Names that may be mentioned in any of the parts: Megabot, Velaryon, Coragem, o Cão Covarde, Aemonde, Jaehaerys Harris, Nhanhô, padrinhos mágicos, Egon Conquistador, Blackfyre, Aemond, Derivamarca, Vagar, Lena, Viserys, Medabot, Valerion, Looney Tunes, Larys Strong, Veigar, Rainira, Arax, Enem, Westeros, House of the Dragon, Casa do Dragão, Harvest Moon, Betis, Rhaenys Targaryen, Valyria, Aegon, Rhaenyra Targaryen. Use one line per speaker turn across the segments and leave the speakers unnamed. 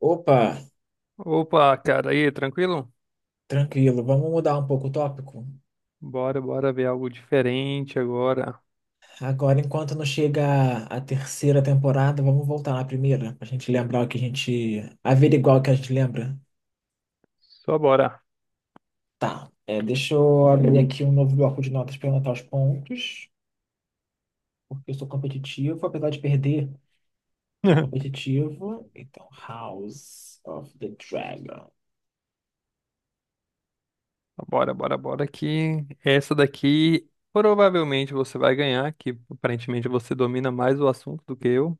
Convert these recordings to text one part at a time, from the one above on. Opa,
Opa, cara, aí, tranquilo?
tranquilo, vamos mudar um pouco o tópico.
Bora, bora ver algo diferente agora.
Agora, enquanto não chega a terceira temporada, vamos voltar na primeira, pra gente lembrar o que a gente. Averiguar o que a gente lembra.
Só bora.
Tá, deixa eu abrir aqui um novo bloco de notas para anotar os pontos, porque eu sou competitivo, apesar de perder, sou competitivo. Então, House of the Dragon.
Bora, bora, bora que essa daqui provavelmente você vai ganhar, que aparentemente você domina mais o assunto do que eu.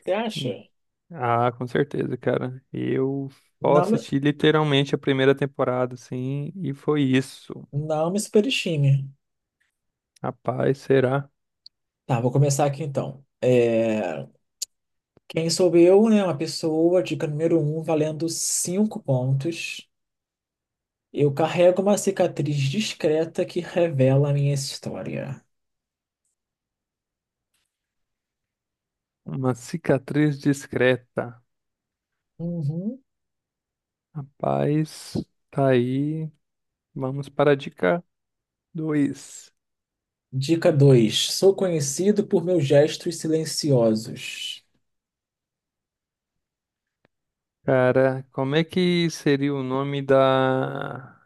Você
Hum.
acha?
Ah, com certeza, cara. Eu só
Não,
assisti literalmente a primeira temporada, sim, e foi isso.
não me superestime.
Rapaz, será
Tá, vou começar aqui então. Quem sou eu, né? Uma pessoa, dica número um, valendo cinco pontos. Eu carrego uma cicatriz discreta que revela a minha história.
uma cicatriz discreta.
Uhum.
Rapaz, tá aí. Vamos para a dica 2.
Dica 2. Sou conhecido por meus gestos silenciosos.
Cara, como é que seria o nome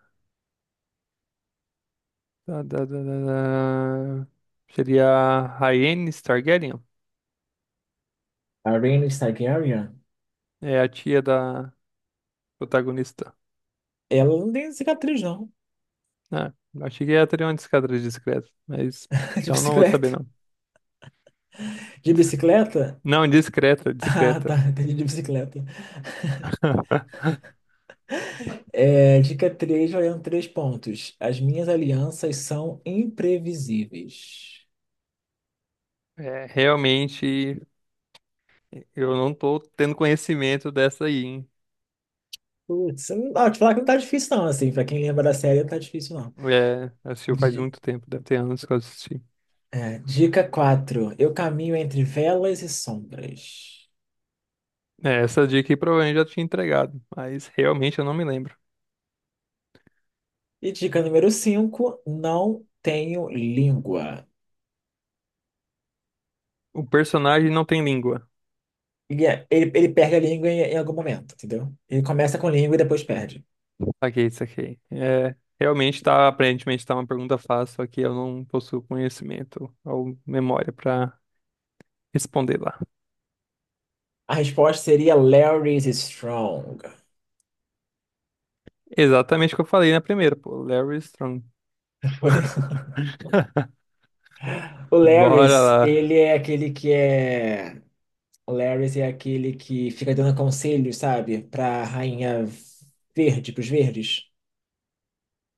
da, da, da, da- da... Seria a Rhaenys Targaryen?
A Rhaenys Targaryen?
É a tia da protagonista.
Ela não tem cicatriz, não.
Ah, achei que ela teria uma discadra discreta, mas...
De
Então não vou saber,
bicicleta.
não.
De
Dis-
bicicleta?
Não, discreta,
Ah,
discreta.
tá. Entendi de bicicleta. É, dica 3, valendo 3 pontos. As minhas alianças são imprevisíveis.
É, realmente, eu não tô tendo conhecimento dessa aí, hein?
Putz, não, ó, te falar que não tá difícil não, assim, pra quem lembra da série não tá difícil não.
É, assistiu faz
Di-
muito tempo, deve ter anos que eu assisti.
dica 4 eu caminho entre velas e sombras.
É, essa dica aí provavelmente já tinha entregado, mas realmente eu não me lembro.
E dica número 5 não tenho língua.
O personagem não tem língua.
Ele perde a língua em algum momento, entendeu? Ele começa com língua e depois perde.
Saquei, saquei. É, realmente tá, aparentemente tá uma pergunta fácil, só que eu não possuo conhecimento ou memória pra responder lá.
A resposta seria Larry's Strong.
Exatamente o que eu falei na primeira, pô. Larry Strong.
O
Bora
Larry's,
lá.
ele é aquele que é... O Larry's é aquele que fica dando conselhos, sabe? Pra rainha verde, pros verdes.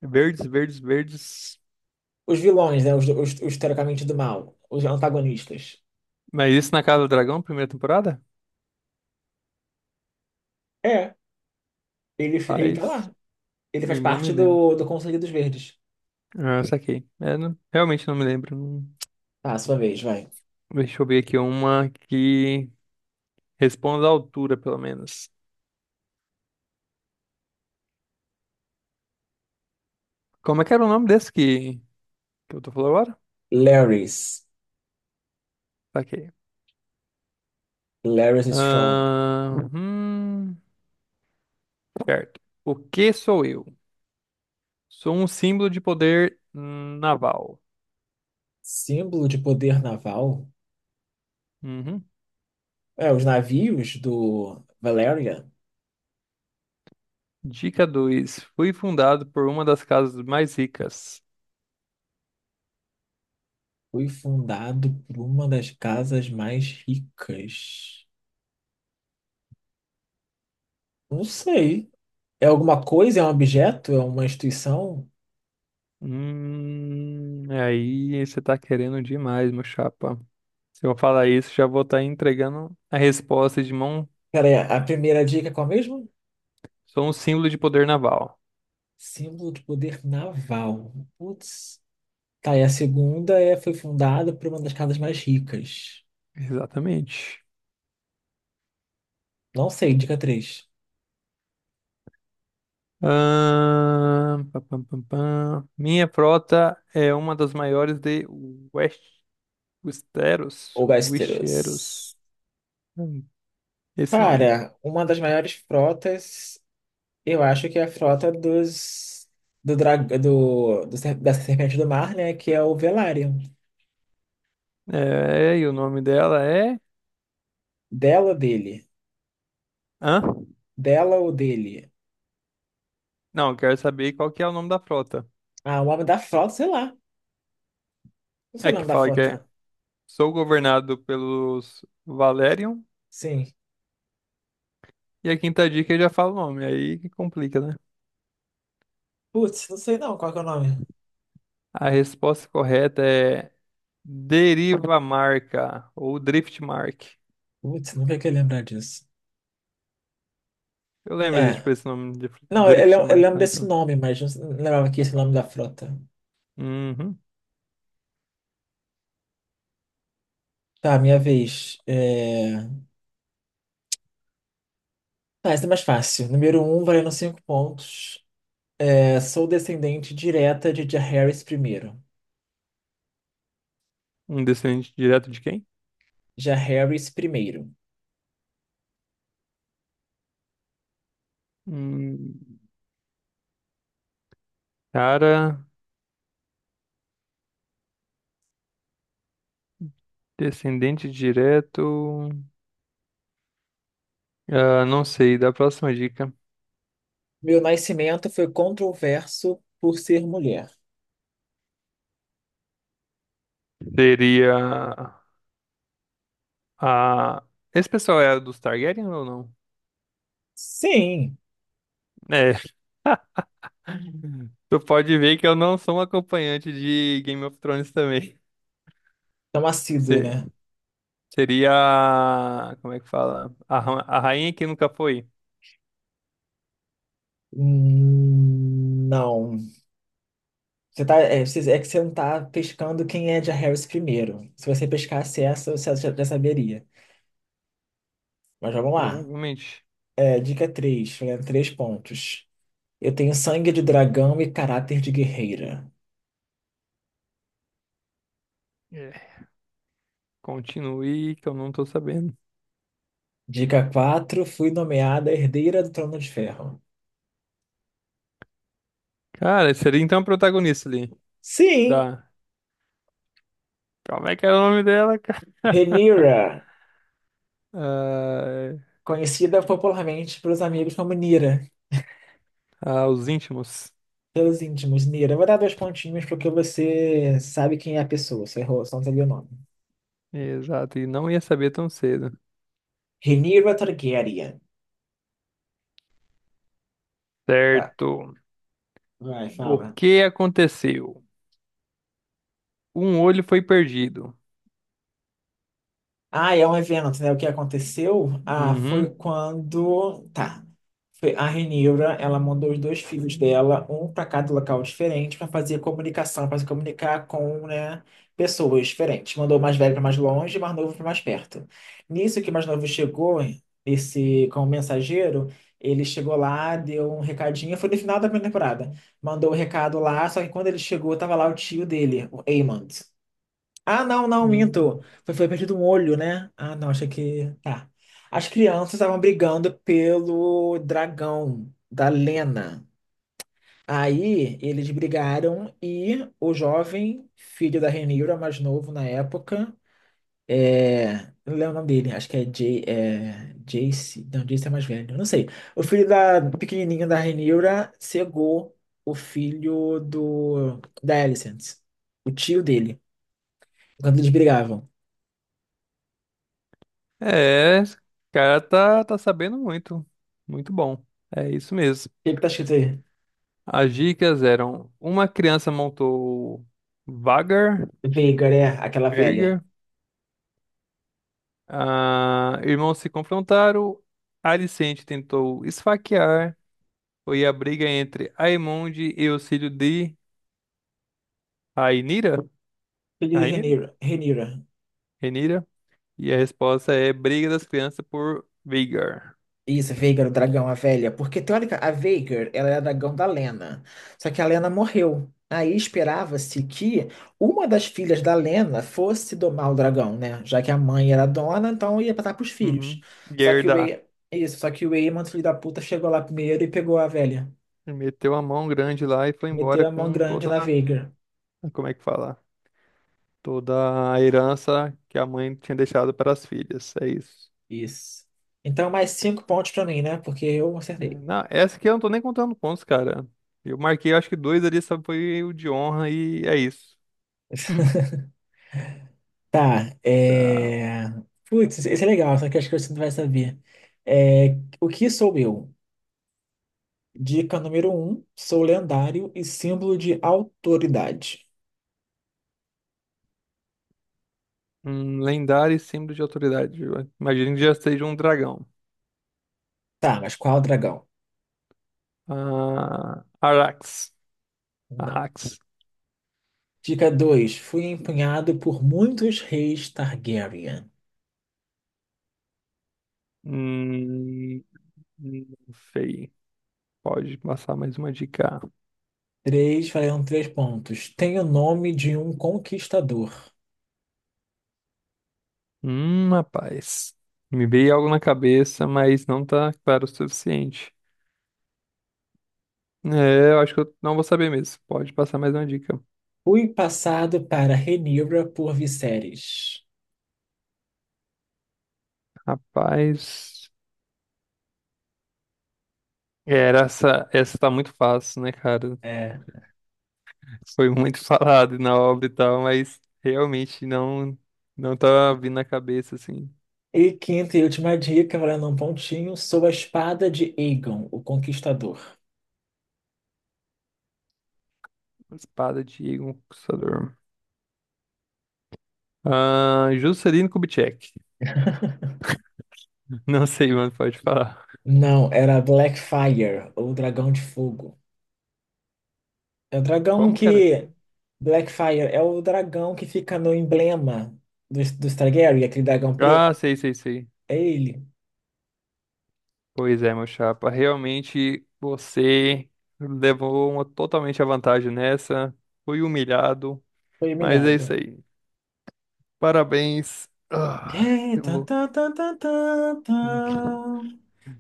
Verdes, verdes, verdes.
Os vilões, né? Os teoricamente do mal. Os antagonistas.
Mas isso na Casa do Dragão, primeira temporada?
É, ele tá
Paz.
lá. Ele
Eu
faz
não me
parte
lembro.
do Conselho dos Verdes.
Ah, saquei. É, realmente não me lembro.
Tá, sua vez, vai.
Deixa eu ver aqui uma que responda à altura, pelo menos. Como é que era o nome desse que eu tô falando agora?
Larys.
Ok.
Larys Strong.
Ahn, hum, Certo. O que sou eu? Sou um símbolo de poder naval.
Símbolo de poder naval.
Uhum.
É, os navios do Valyria
Dica dois. Fui fundado por uma das casas mais ricas.
foi fundado por uma das casas mais ricas. Não sei. É alguma coisa? É um objeto? É uma instituição?
Aí você tá querendo demais, meu chapa. Se eu falar isso, já vou estar entregando a resposta de mão.
Pera a primeira dica é qual mesmo?
Sou um símbolo de poder naval.
Símbolo de poder naval. Putz. Tá, e a segunda é, foi fundada por uma das casas mais ricas.
Exatamente.
Não sei, dica três.
Pá, pam, pam, pam. Minha frota é uma das maiores de West, Westeros,
O Westeros.
Westeros. Hum, Esse nome. Aí.
Cara, uma das maiores frotas, eu acho que é a frota dos. Do da Serpente do Mar, né? Que é o Velaryon.
É, e o nome dela é?
Dela ou dele?
Hã?
Dela ou dele?
Não, eu quero saber qual que é o nome da frota.
Ah, o nome da frota, sei lá. Não sei
É
o
que
nome da
fala que é.
frota.
Sou governado pelos Valerion.
Sim.
E a quinta dica eu já falo o nome, aí que complica, né?
Putz, não sei não qual que é o nome.
A resposta correta é Derivamarca ou Driftmark.
Putz, nunca que lembrar disso.
Eu lembro de,
É.
tipo, esse nome de
Não,
Drift
eu
Mark
lembro
lá,
desse
então.
nome, mas não lembrava que esse é o nome da frota.
Uhum.
Tá, minha vez. É... Tá, essa é mais fácil. Número um, valendo cinco pontos. É, sou descendente direta de Jaehaerys Harris primeiro.
Um descendente direto de quem?
Jaehaerys Harris primeiro.
Hum, Cara, descendente direto. Ah, não sei, da próxima dica.
Meu nascimento foi controverso por ser mulher.
Seria a. Esse pessoal é dos Targaryen ou não?
Sim,
É. Tu pode ver que eu não sou um acompanhante de Game of Thrones também.
tão assíduo,
Se-
né?
Seria. Como é que fala? A a rainha que nunca foi,
Não. Você tá, é, você- é que você não tá pescando quem é de Harris primeiro. Se você pescasse essa, você já saberia. Mas vamos lá.
provavelmente.
É, dica 3, três pontos. Eu tenho sangue de dragão e caráter de guerreira.
Continue, que eu não tô sabendo.
Dica 4 fui nomeada herdeira do Trono de Ferro.
Cara, seria então a protagonista ali.
Sim,
Da. Como é que era o nome dela, cara?
Rhaenyra, conhecida popularmente pelos amigos como Nira,
Ah, ah, os íntimos.
pelos íntimos Nira. Eu vou dar dois pontinhos porque você sabe quem é a pessoa, você errou, só não sabia o nome.
Exato, e não ia saber tão cedo.
Rhaenyra Targaryen. Tá,
Certo.
vai,
O
fala.
que aconteceu? Um olho foi perdido.
Ah, é um evento, né? O que aconteceu? Ah,
Uhum.
foi quando. Tá. A Renira, ela mandou os dois filhos dela, um para cada local diferente, para fazer comunicação, para se comunicar com, né, pessoas diferentes. Mandou o mais velho para mais longe, e o mais novo para mais perto. Nisso que o mais novo chegou, esse como mensageiro, ele chegou lá, deu um recadinho, foi no final da primeira temporada. Mandou o recado lá, só que quando ele chegou, tava lá o tio dele, o Aemond. Ah, não, não, minto.
Hum.
Foi perdido um olho, né? Ah, não, achei que. Tá. As crianças estavam brigando pelo dragão da Lena. Aí eles brigaram e o jovem filho da Rhaenyra, mais novo na época, é... não lembro o nome dele, acho que é, Jay, é... Jace. Não, Jace é mais velho, não sei. O filho da pequenininho da Rhaenyra cegou o filho do da Alicent, o tio dele, quando eles brigavam.
É, esse cara tá sabendo muito. Muito bom. É isso mesmo.
O que que tá escrito aí?
As dicas eram: uma criança montou Vagar,
Veigar é aquela velha.
ah, irmãos se confrontaram. Alicente tentou esfaquear. Foi a briga entre Aemonde e o filho de Rainira.
Filho de
Rainira?
Rhaenyra. Rhaenyra.
Renira. E a resposta é briga das crianças por Vigar.
Isso, Veigar, o dragão, a velha. Porque, teórica, a Veigar, ela é a dragão da Lena. Só que a Lena morreu. Aí esperava-se que uma das filhas da Lena fosse domar o dragão, né? Já que a mãe era dona, então ia passar pros filhos.
Uhum.
Só que o
Gerda.
E... isso, só que o Aemon, filho da puta, chegou lá primeiro e pegou a velha.
Meteu a mão grande lá e foi embora
Meteu a mão
com
grande
toda,
na Veigar.
como é que fala? Toda a herança que a mãe tinha deixado para as filhas. É isso.
Isso. Então, mais cinco pontos pra mim, né? Porque eu
É,
acertei.
não, essa aqui eu não tô nem contando pontos, cara. Eu marquei, acho que dois ali, só foi o de honra e é isso.
Tá,
Tá.
é... Putz, esse é legal, só que acho que você não vai saber. É... O que sou eu? Dica número um, sou lendário e símbolo de autoridade.
Um lendário e símbolo de autoridade. Eu imagino que já seja um dragão.
Tá, mas qual dragão?
Ah, Arax.
Não.
Arax.
Dica 2 fui empunhado por muitos reis Targaryen.
Hum, não sei. Pode passar mais uma dica.
3, valendo 3 pontos. Tenho o nome de um conquistador.
Rapaz. Me veio algo na cabeça, mas não tá claro o suficiente. É, eu acho que eu não vou saber mesmo. Pode passar mais uma dica.
Fui passado para Rhaenyra por Viserys.
Rapaz. É, era essa, tá muito fácil, né, cara?
É,
Foi muito falado na obra e tal, mas realmente não tá vindo na cabeça assim.
e quinta e última dica, morando um pontinho, sou a espada de Aegon, o Conquistador.
Espada de Egon Conquistador. Ah, Juscelino Kubitschek. Não sei, mano, pode falar.
Não, era Blackfyre, ou Dragão de Fogo. É o dragão
Como, cara?
que. Blackfyre é o dragão que fica no emblema dos Targaryen, aquele dragão preto.
Ah, sei, sei, sei.
É ele.
Pois é, meu chapa. Realmente você levou uma, totalmente a vantagem nessa. Fui humilhado,
Foi
mas é isso
humilhado.
aí. Parabéns. Ah,
É,
eu
tan,
vou.
tan, tan, tan, tan, tan.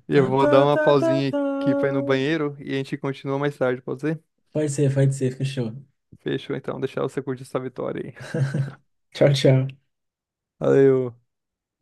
E eu
Tan,
vou dar
tan,
uma
tan, tan,
pausinha aqui pra ir no
tan.
banheiro e a gente continua mais tarde, pode ser?
Pode ser, fechou.
Fechou então, deixar você curtir essa vitória aí.
Tchau, tchau.
Valeu.